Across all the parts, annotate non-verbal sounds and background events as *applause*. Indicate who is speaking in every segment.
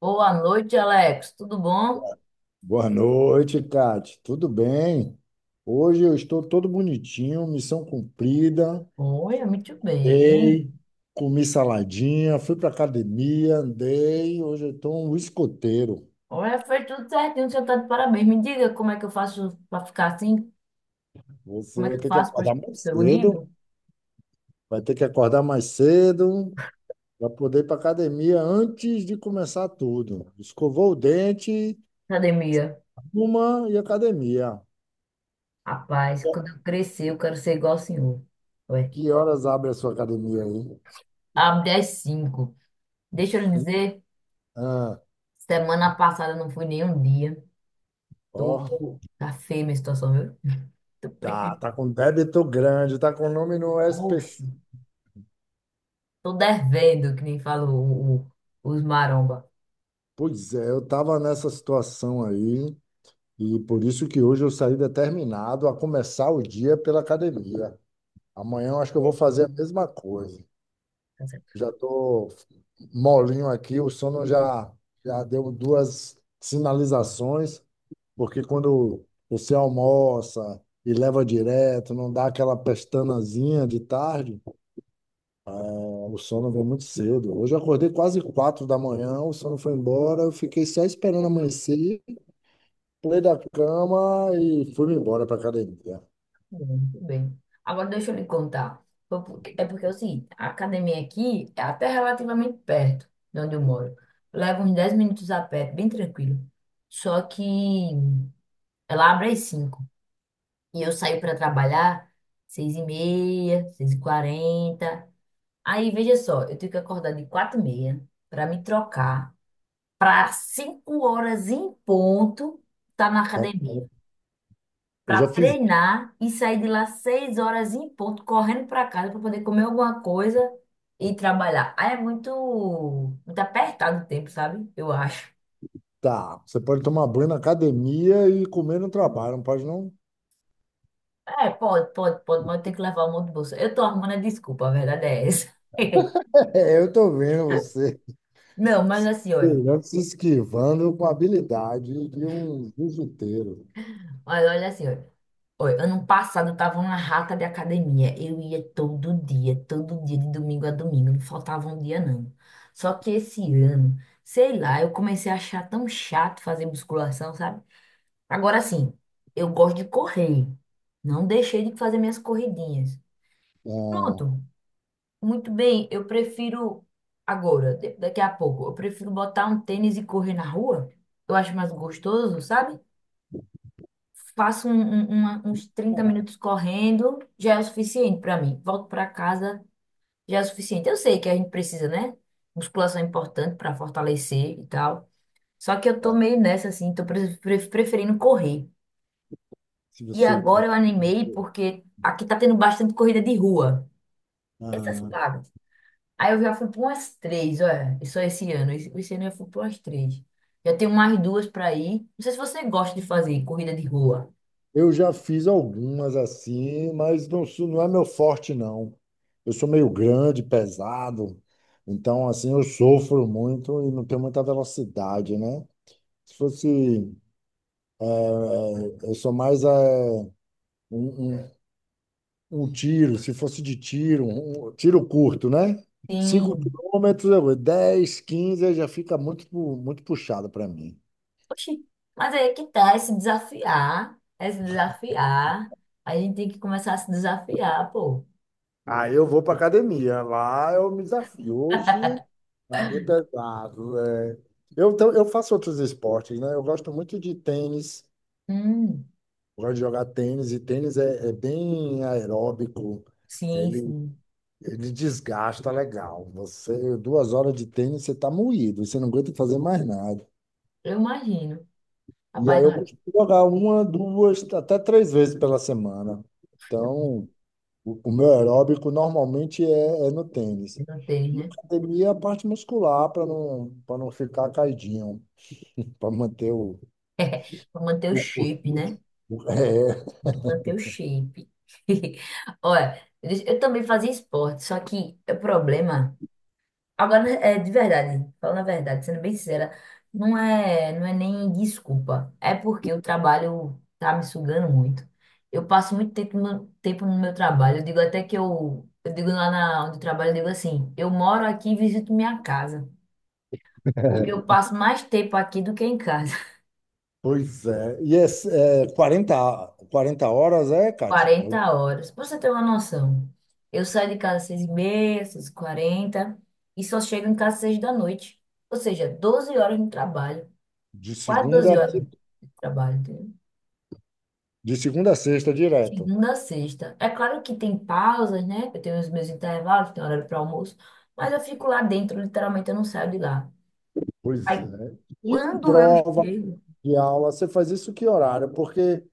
Speaker 1: Boa noite, Alex. Tudo bom?
Speaker 2: Boa noite, Kate. Tudo bem? Hoje eu estou todo bonitinho, missão cumprida.
Speaker 1: Oi, muito
Speaker 2: Dei,
Speaker 1: bem.
Speaker 2: comi saladinha, fui para academia, andei. Hoje eu estou um escoteiro.
Speaker 1: Olha, foi tudo certinho, o senhor está de parabéns. Me diga como é que eu faço para ficar assim?
Speaker 2: Você
Speaker 1: Como é que
Speaker 2: vai
Speaker 1: eu
Speaker 2: ter que
Speaker 1: faço para
Speaker 2: acordar mais
Speaker 1: chegar o
Speaker 2: cedo,
Speaker 1: nível?
Speaker 2: vai ter que acordar mais cedo para poder ir para academia antes de começar tudo. Escovou o dente,
Speaker 1: Academia.
Speaker 2: uma e academia.
Speaker 1: Rapaz, quando eu crescer, eu quero ser igual ao senhor. Ué,
Speaker 2: Que horas abre a sua academia aí?
Speaker 1: abre às 5. Deixa eu lhe dizer,
Speaker 2: Ah,
Speaker 1: semana passada eu não fui nem um dia. Tô...
Speaker 2: ó.
Speaker 1: Tá feia a minha situação, viu? Tô...
Speaker 2: Tá,
Speaker 1: pre-
Speaker 2: tá com débito grande, tá com nome no
Speaker 1: Oxe,
Speaker 2: SPC.
Speaker 1: tô devendo, que nem fala os maromba.
Speaker 2: Pois é, eu tava nessa situação aí e por isso que hoje eu saí determinado a começar o dia pela academia. Amanhã eu acho que eu vou
Speaker 1: É,
Speaker 2: fazer a mesma coisa.
Speaker 1: tá certo.
Speaker 2: Já tô molinho aqui, o sono já deu duas sinalizações, porque quando você almoça e leva direto, não dá aquela pestanazinha de tarde. Ah, o sono veio muito cedo. Hoje eu acordei quase 4 da manhã, o sono foi embora, eu fiquei só esperando amanhecer, pulei da cama e fui embora para academia.
Speaker 1: Muito bem. Agora deixa eu lhe contar. É porque é o seguinte, a academia aqui é até relativamente perto de onde eu moro. Leva uns 10 minutos a pé, bem tranquilo. Só que ela abre às 5 e eu saio para trabalhar 6 e meia, 6 e 40. Aí, veja só, eu tenho que acordar de 4 e meia para me trocar para 5 horas em ponto estar na
Speaker 2: Tá?
Speaker 1: academia.
Speaker 2: Eu
Speaker 1: Para
Speaker 2: já fiz.
Speaker 1: treinar e sair de lá seis horas em ponto, correndo para casa para poder comer alguma coisa e trabalhar. Aí é muito, muito apertado o tempo, sabe? Eu acho.
Speaker 2: Tá, você pode tomar banho na academia e comer no trabalho, não pode não?
Speaker 1: É, pode, pode, pode, mas eu tenho que levar um monte de bolsa. Eu tô arrumando a desculpa, a verdade é essa. *laughs*
Speaker 2: *laughs* É, eu tô vendo você.
Speaker 1: Não, mas assim, olha.
Speaker 2: Pelé se esquivando com a habilidade de um jiu-jiteiro.
Speaker 1: Mas olha assim, olha. Oi, ano passado eu tava uma rata de academia. Eu ia todo dia, de domingo a domingo. Não faltava um dia, não. Só que esse ano, sei lá, eu comecei a achar tão chato fazer musculação, sabe? Agora sim, eu gosto de correr. Não deixei de fazer minhas corridinhas.
Speaker 2: Ah,
Speaker 1: Pronto, muito bem. Eu prefiro agora, daqui a pouco, eu prefiro botar um tênis e correr na rua. Eu acho mais gostoso, sabe? Faço uns 30 minutos correndo, já é o suficiente para mim. Volto para casa, já é o suficiente. Eu sei que a gente precisa, né? Musculação é importante para fortalecer e tal. Só que eu tô
Speaker 2: tá.
Speaker 1: meio nessa, assim, tô preferindo correr.
Speaker 2: Se
Speaker 1: E
Speaker 2: você
Speaker 1: agora eu
Speaker 2: gosta.
Speaker 1: animei porque aqui tá tendo bastante corrida de rua. Essas pagas. Aí eu já fui para umas três, olha, só esse ano. Esse ano eu fui para umas três. Já tenho mais duas para ir. Não sei se você gosta de fazer corrida de rua.
Speaker 2: Eu já fiz algumas assim, mas não, não é meu forte, não. Eu sou meio grande, pesado, então assim eu sofro muito e não tenho muita velocidade, né? Se fosse, eu sou mais um, um- um tiro, se fosse de tiro, um tiro curto, né? 5
Speaker 1: Sim.
Speaker 2: quilômetros, 10, 15 já fica muito, muito puxado para mim.
Speaker 1: Oxi, mas aí é que tá, é se desafiar, é se desafiar. A gente tem que começar a se desafiar, pô.
Speaker 2: Aí eu vou para academia. Lá eu me desafio. Hoje vai ser pesado. É. Eu, então, eu faço outros esportes, né? Eu gosto muito de tênis.
Speaker 1: Hum,
Speaker 2: Eu gosto de jogar tênis. E tênis é bem aeróbico.
Speaker 1: sim,
Speaker 2: Ele,
Speaker 1: sim.
Speaker 2: ele desgasta legal. Você, 2 horas de tênis, você está moído. Você não aguenta fazer mais nada.
Speaker 1: Eu imagino.
Speaker 2: E
Speaker 1: Rapaz,
Speaker 2: aí eu
Speaker 1: olha,
Speaker 2: costumo jogar uma, duas, até três vezes pela semana. Então, o meu aeróbico normalmente é no tênis.
Speaker 1: eu não tem,
Speaker 2: E
Speaker 1: né?
Speaker 2: academia é a parte muscular para não ficar caidinho, para manter
Speaker 1: *laughs* Pra manter o
Speaker 2: o, o-
Speaker 1: shape, né?
Speaker 2: *laughs*
Speaker 1: Tem
Speaker 2: é,
Speaker 1: que manter o shape. *laughs* Olha, eu também fazia esporte, só que o problema. Agora, é de verdade, falando a verdade, sendo bem sincera, não é nem desculpa. É porque o trabalho tá me sugando muito. Eu passo muito tempo no meu trabalho. Eu digo até que eu digo lá onde eu trabalho, eu digo assim, eu moro aqui e visito minha casa. Porque eu passo mais tempo aqui do que em casa.
Speaker 2: pois é. E é 40, 40 horas, é,
Speaker 1: *laughs*
Speaker 2: Kátia? Eu-
Speaker 1: 40 horas. Pra você ter uma noção, eu saio de casa às 6h30, 6h40 e quarenta e só chego em casa às 6 da noite. Ou seja, 12 horas no trabalho.
Speaker 2: De
Speaker 1: Quase
Speaker 2: segunda,
Speaker 1: 12 horas de trabalho, entendeu?
Speaker 2: de segunda a sexta, direto.
Speaker 1: Segunda a sexta. É claro que tem pausas, né? Eu tenho os meus intervalos, tenho horário para almoço, mas eu fico lá dentro, literalmente eu não saio de lá.
Speaker 2: Pois
Speaker 1: Aí
Speaker 2: é. E
Speaker 1: quando eu
Speaker 2: prova
Speaker 1: chego,
Speaker 2: de aula, você faz isso que horário? Porque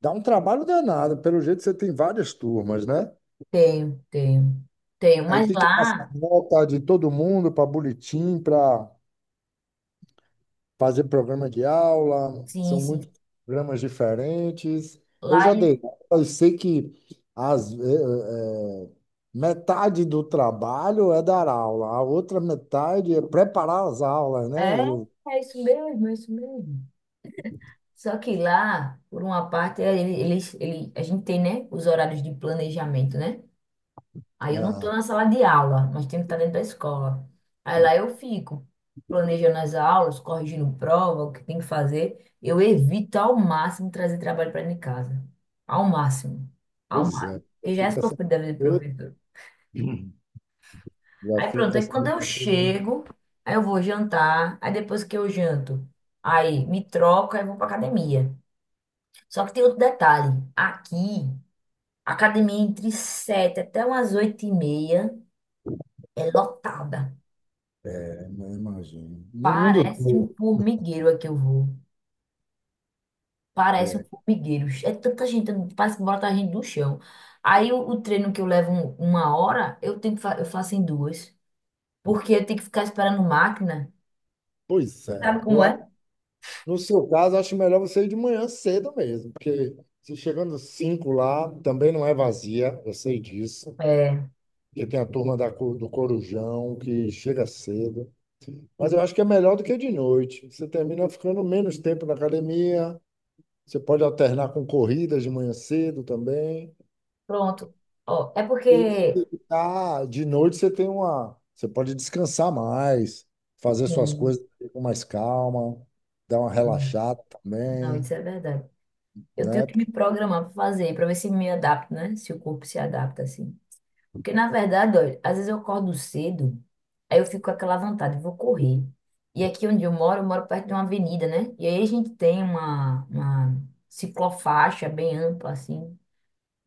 Speaker 2: dá um trabalho danado. Pelo jeito, você tem várias turmas, né?
Speaker 1: tenho, tenho, tenho,
Speaker 2: Aí
Speaker 1: mas
Speaker 2: tem que passar
Speaker 1: lá,
Speaker 2: nota de todo mundo para boletim, para fazer programa de aula.
Speaker 1: sim,
Speaker 2: São
Speaker 1: sim,
Speaker 2: muitos programas diferentes. Eu
Speaker 1: lá
Speaker 2: já dei, aula e sei que as, eh, eh, metade do trabalho é dar aula, a outra metade é preparar as aulas, né?
Speaker 1: é, é isso mesmo, é isso mesmo. Só que lá, por uma parte, a gente tem, né, os horários de planejamento, né? Aí eu não
Speaker 2: Ah,
Speaker 1: estou na sala de aula, nós temos que estar dentro da escola. Aí lá eu fico planejando as aulas, corrigindo prova, o que tem que fazer. Eu evito ao máximo trazer trabalho para dentro de casa. Ao máximo. Ao
Speaker 2: pois
Speaker 1: máximo.
Speaker 2: é,
Speaker 1: Porque já é
Speaker 2: fica essa
Speaker 1: sofrido da vida do
Speaker 2: outra-
Speaker 1: professor.
Speaker 2: já
Speaker 1: Aí pronto,
Speaker 2: fica
Speaker 1: aí
Speaker 2: assim,
Speaker 1: quando eu
Speaker 2: uma coisa,
Speaker 1: chego, aí eu vou jantar, aí depois que eu janto, aí me troco, aí eu vou para academia. Só que tem outro detalhe. Aqui, a academia é entre 7 até umas 8 e meia, é lotada.
Speaker 2: né? Imagino. No mundo
Speaker 1: Parece um
Speaker 2: todo.
Speaker 1: formigueiro aqui eu vou. Parece um
Speaker 2: É,
Speaker 1: formigueiro. É tanta gente, parece que bota a gente do chão. Aí o treino que eu levo uma hora, eu tenho que fa- eu faço em duas. Porque eu tenho que ficar esperando máquina.
Speaker 2: pois é.
Speaker 1: Sabe
Speaker 2: Eu-
Speaker 1: como é?
Speaker 2: No seu caso, acho melhor você ir de manhã cedo mesmo, porque se chegando cinco lá, também não é vazia, eu sei disso,
Speaker 1: É,
Speaker 2: porque tem a turma do Corujão que chega cedo. Mas eu acho que é melhor do que de noite. Você termina ficando menos tempo na academia, você pode alternar com corridas de manhã cedo também.
Speaker 1: pronto. Ó, é
Speaker 2: E se
Speaker 1: porque.
Speaker 2: dedicar de noite, você tem uma, você pode descansar mais, fazer suas
Speaker 1: Sim,
Speaker 2: coisas com mais calma, dar uma
Speaker 1: sim.
Speaker 2: relaxada
Speaker 1: Não,
Speaker 2: também,
Speaker 1: isso é verdade. Eu tenho
Speaker 2: né?
Speaker 1: que me programar para fazer, para ver se me adapto, né? Se o corpo se adapta assim. Porque, na verdade, olha, às vezes eu acordo cedo, aí eu fico com aquela vontade, vou correr. E aqui onde eu moro perto de uma avenida, né? E aí a gente tem uma ciclofaixa bem ampla, assim,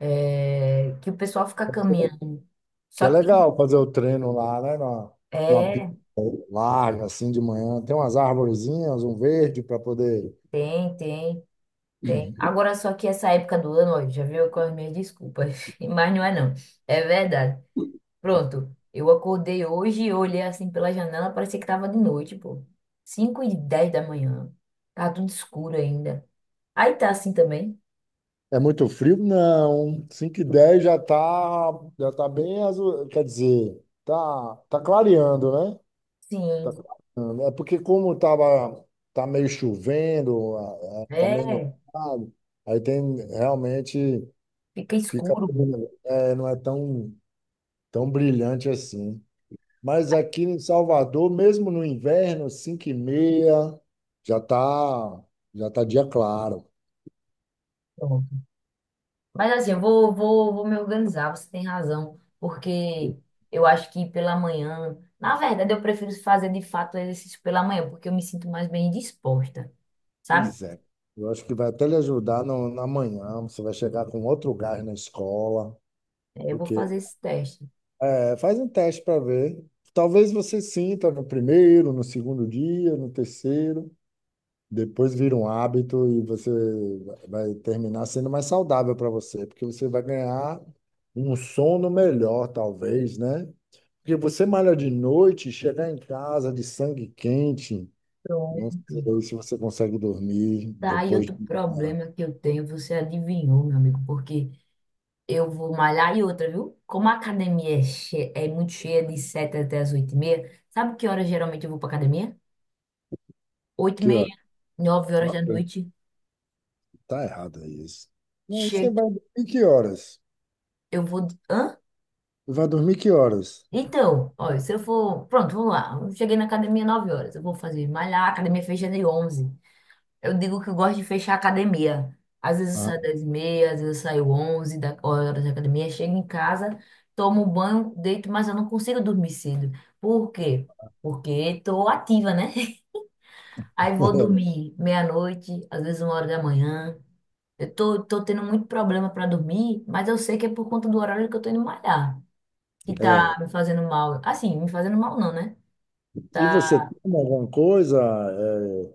Speaker 1: que o pessoal fica caminhando.
Speaker 2: Que
Speaker 1: Só
Speaker 2: é
Speaker 1: que,
Speaker 2: legal fazer o treino lá, né? Numa pista
Speaker 1: é,
Speaker 2: larga, assim, de manhã. Tem umas arvorezinhas, um verde para poder.
Speaker 1: tem, tem, tem. Agora, só que essa época do ano, olha, já viu com as minhas desculpas, *laughs* mas não é não, é verdade. Pronto, eu acordei hoje e olhei assim pela janela, parecia que tava de noite, pô. Cinco e 10 da manhã. Tá tudo escuro ainda. Aí tá assim também?
Speaker 2: É muito frio? Não. 5 e 10 já tá bem azul. Quer dizer, tá clareando, né? Tá
Speaker 1: Sim,
Speaker 2: clareando. É porque como tava, tá meio chovendo, tá meio
Speaker 1: é,
Speaker 2: nublado, aí tem realmente
Speaker 1: fica
Speaker 2: fica,
Speaker 1: escuro.
Speaker 2: é, não é tão, tão brilhante assim. Mas aqui em Salvador, mesmo no inverno, 5 e meia, já tá, já tá dia claro.
Speaker 1: Pronto. Mas assim, eu vou me organizar, você tem razão, porque eu acho que pela manhã, na verdade, eu prefiro fazer de fato exercício pela manhã, porque eu me sinto mais bem disposta, sabe?
Speaker 2: Pois é. Eu acho que vai até lhe ajudar no, na manhã. Você vai chegar com outro gás na escola.
Speaker 1: É, eu vou
Speaker 2: Porque,
Speaker 1: fazer esse teste.
Speaker 2: é, faz um teste para ver. Talvez você sinta no primeiro, no segundo dia, no terceiro. Depois vira um hábito e você vai terminar sendo mais saudável para você, porque você vai ganhar um sono melhor, talvez, né? Porque você malha de noite, chegar em casa de sangue quente,
Speaker 1: Pronto.
Speaker 2: não sei se você consegue dormir
Speaker 1: Tá, e
Speaker 2: depois de
Speaker 1: outro
Speaker 2: malhar.
Speaker 1: problema que eu tenho, você adivinhou, meu amigo, porque eu vou malhar e outra, viu? Como a academia é muito cheia de 7 até as 8 e meia, sabe que horas geralmente eu vou pra academia? Oito e
Speaker 2: Que hora?
Speaker 1: meia, 9 horas da
Speaker 2: Ok.
Speaker 1: noite,
Speaker 2: Tá errado aí isso. Não, você
Speaker 1: chego,
Speaker 2: vai dormir que horas?
Speaker 1: eu vou. Hã?
Speaker 2: Vai dormir que horas?
Speaker 1: Então, olha, se eu for. Pronto, vamos lá. Eu cheguei na academia 9 horas, eu vou fazer malhar, a academia fecha de onze. Eu digo que eu gosto de fechar a academia. Às vezes eu
Speaker 2: Ah.
Speaker 1: saio 10 e meia, às vezes eu saio 11 da horas da academia, chego em casa, tomo banho, deito, mas eu não consigo dormir cedo. Por quê? Porque estou ativa, né? *laughs* Aí vou dormir meia-noite, às vezes uma hora da manhã. Eu tô tendo muito problema para dormir, mas eu sei que é por conta do horário que eu tô indo malhar, que tá me fazendo mal. Assim, me fazendo mal não, né?
Speaker 2: E
Speaker 1: Tá.
Speaker 2: você toma alguma coisa, eh,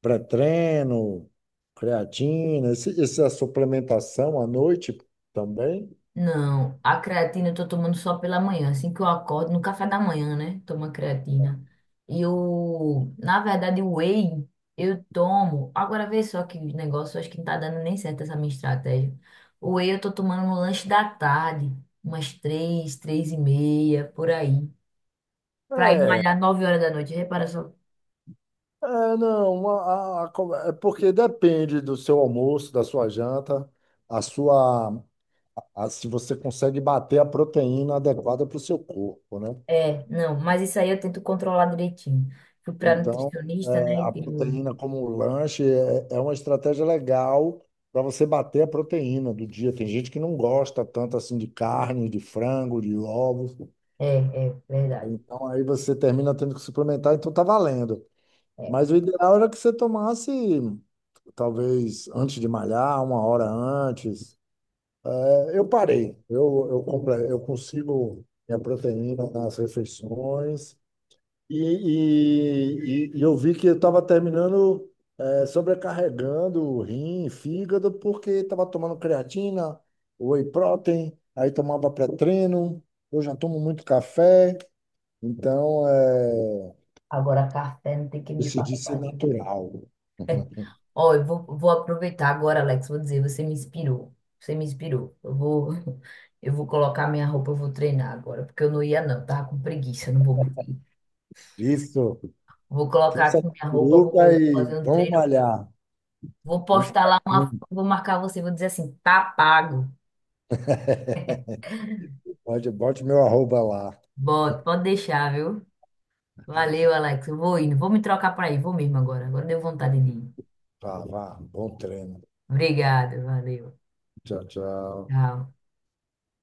Speaker 2: pré-treino, creatina, essa suplementação à noite também?
Speaker 1: Não, a creatina eu tô tomando só pela manhã, assim que eu acordo, no café da manhã, né? Toma creatina. E na verdade, o whey eu tomo. Agora vê só que negócio, acho que não tá dando nem certo essa minha estratégia. O whey eu tô tomando no lanche da tarde, umas três, três e meia, por aí. Pra ir
Speaker 2: É,
Speaker 1: malhar nove horas da noite, repara só.
Speaker 2: é, não, é porque depende do seu almoço, da sua janta, a sua, a- se você consegue bater a proteína adequada para o seu corpo, né?
Speaker 1: É, não, mas isso aí eu tento controlar direitinho. Fui pra
Speaker 2: Então,
Speaker 1: nutricionista, né?
Speaker 2: é,
Speaker 1: E
Speaker 2: a
Speaker 1: tenho.
Speaker 2: proteína como lanche é uma estratégia legal para você bater a proteína do dia. Tem gente que não gosta tanto assim de carne, de frango, de ovos.
Speaker 1: É, é, verdade.
Speaker 2: Então, aí você termina tendo que suplementar, então tá valendo.
Speaker 1: É.
Speaker 2: Mas o ideal era que você tomasse, talvez antes de malhar, 1 hora antes. É, eu parei, eu consigo minha proteína nas refeições e eu vi que eu estava terminando, é, sobrecarregando o rim, fígado, porque estava tomando creatina, whey protein, aí tomava pré-treino, eu já tomo muito café, então é,
Speaker 1: Agora, café não tem que me falar.
Speaker 2: decidi ser natural. *laughs*
Speaker 1: Ó, eu vou aproveitar agora, Alex. Vou dizer, você me inspirou. Você me inspirou. *laughs* Eu vou colocar minha roupa, eu vou treinar agora, porque eu não ia, não. Eu tava com preguiça, não vou mentir.
Speaker 2: Isso,
Speaker 1: Vou colocar
Speaker 2: força
Speaker 1: aqui
Speaker 2: da
Speaker 1: minha roupa,
Speaker 2: curuca
Speaker 1: vou
Speaker 2: e
Speaker 1: fazer um
Speaker 2: vamos
Speaker 1: treino.
Speaker 2: malhar.
Speaker 1: Vou
Speaker 2: Um
Speaker 1: postar lá uma
Speaker 2: fracão.
Speaker 1: foto, vou marcar você, vou dizer assim, tá pago.
Speaker 2: Pode, bote meu arroba lá.
Speaker 1: Bota, pode deixar, viu? Valeu, Alex. Eu vou indo. Vou me trocar para ir. Vou mesmo agora. Agora deu vontade de ir.
Speaker 2: Vá, vá. Bom treino.
Speaker 1: Obrigada, valeu.
Speaker 2: Tchau, tchau.
Speaker 1: Tchau.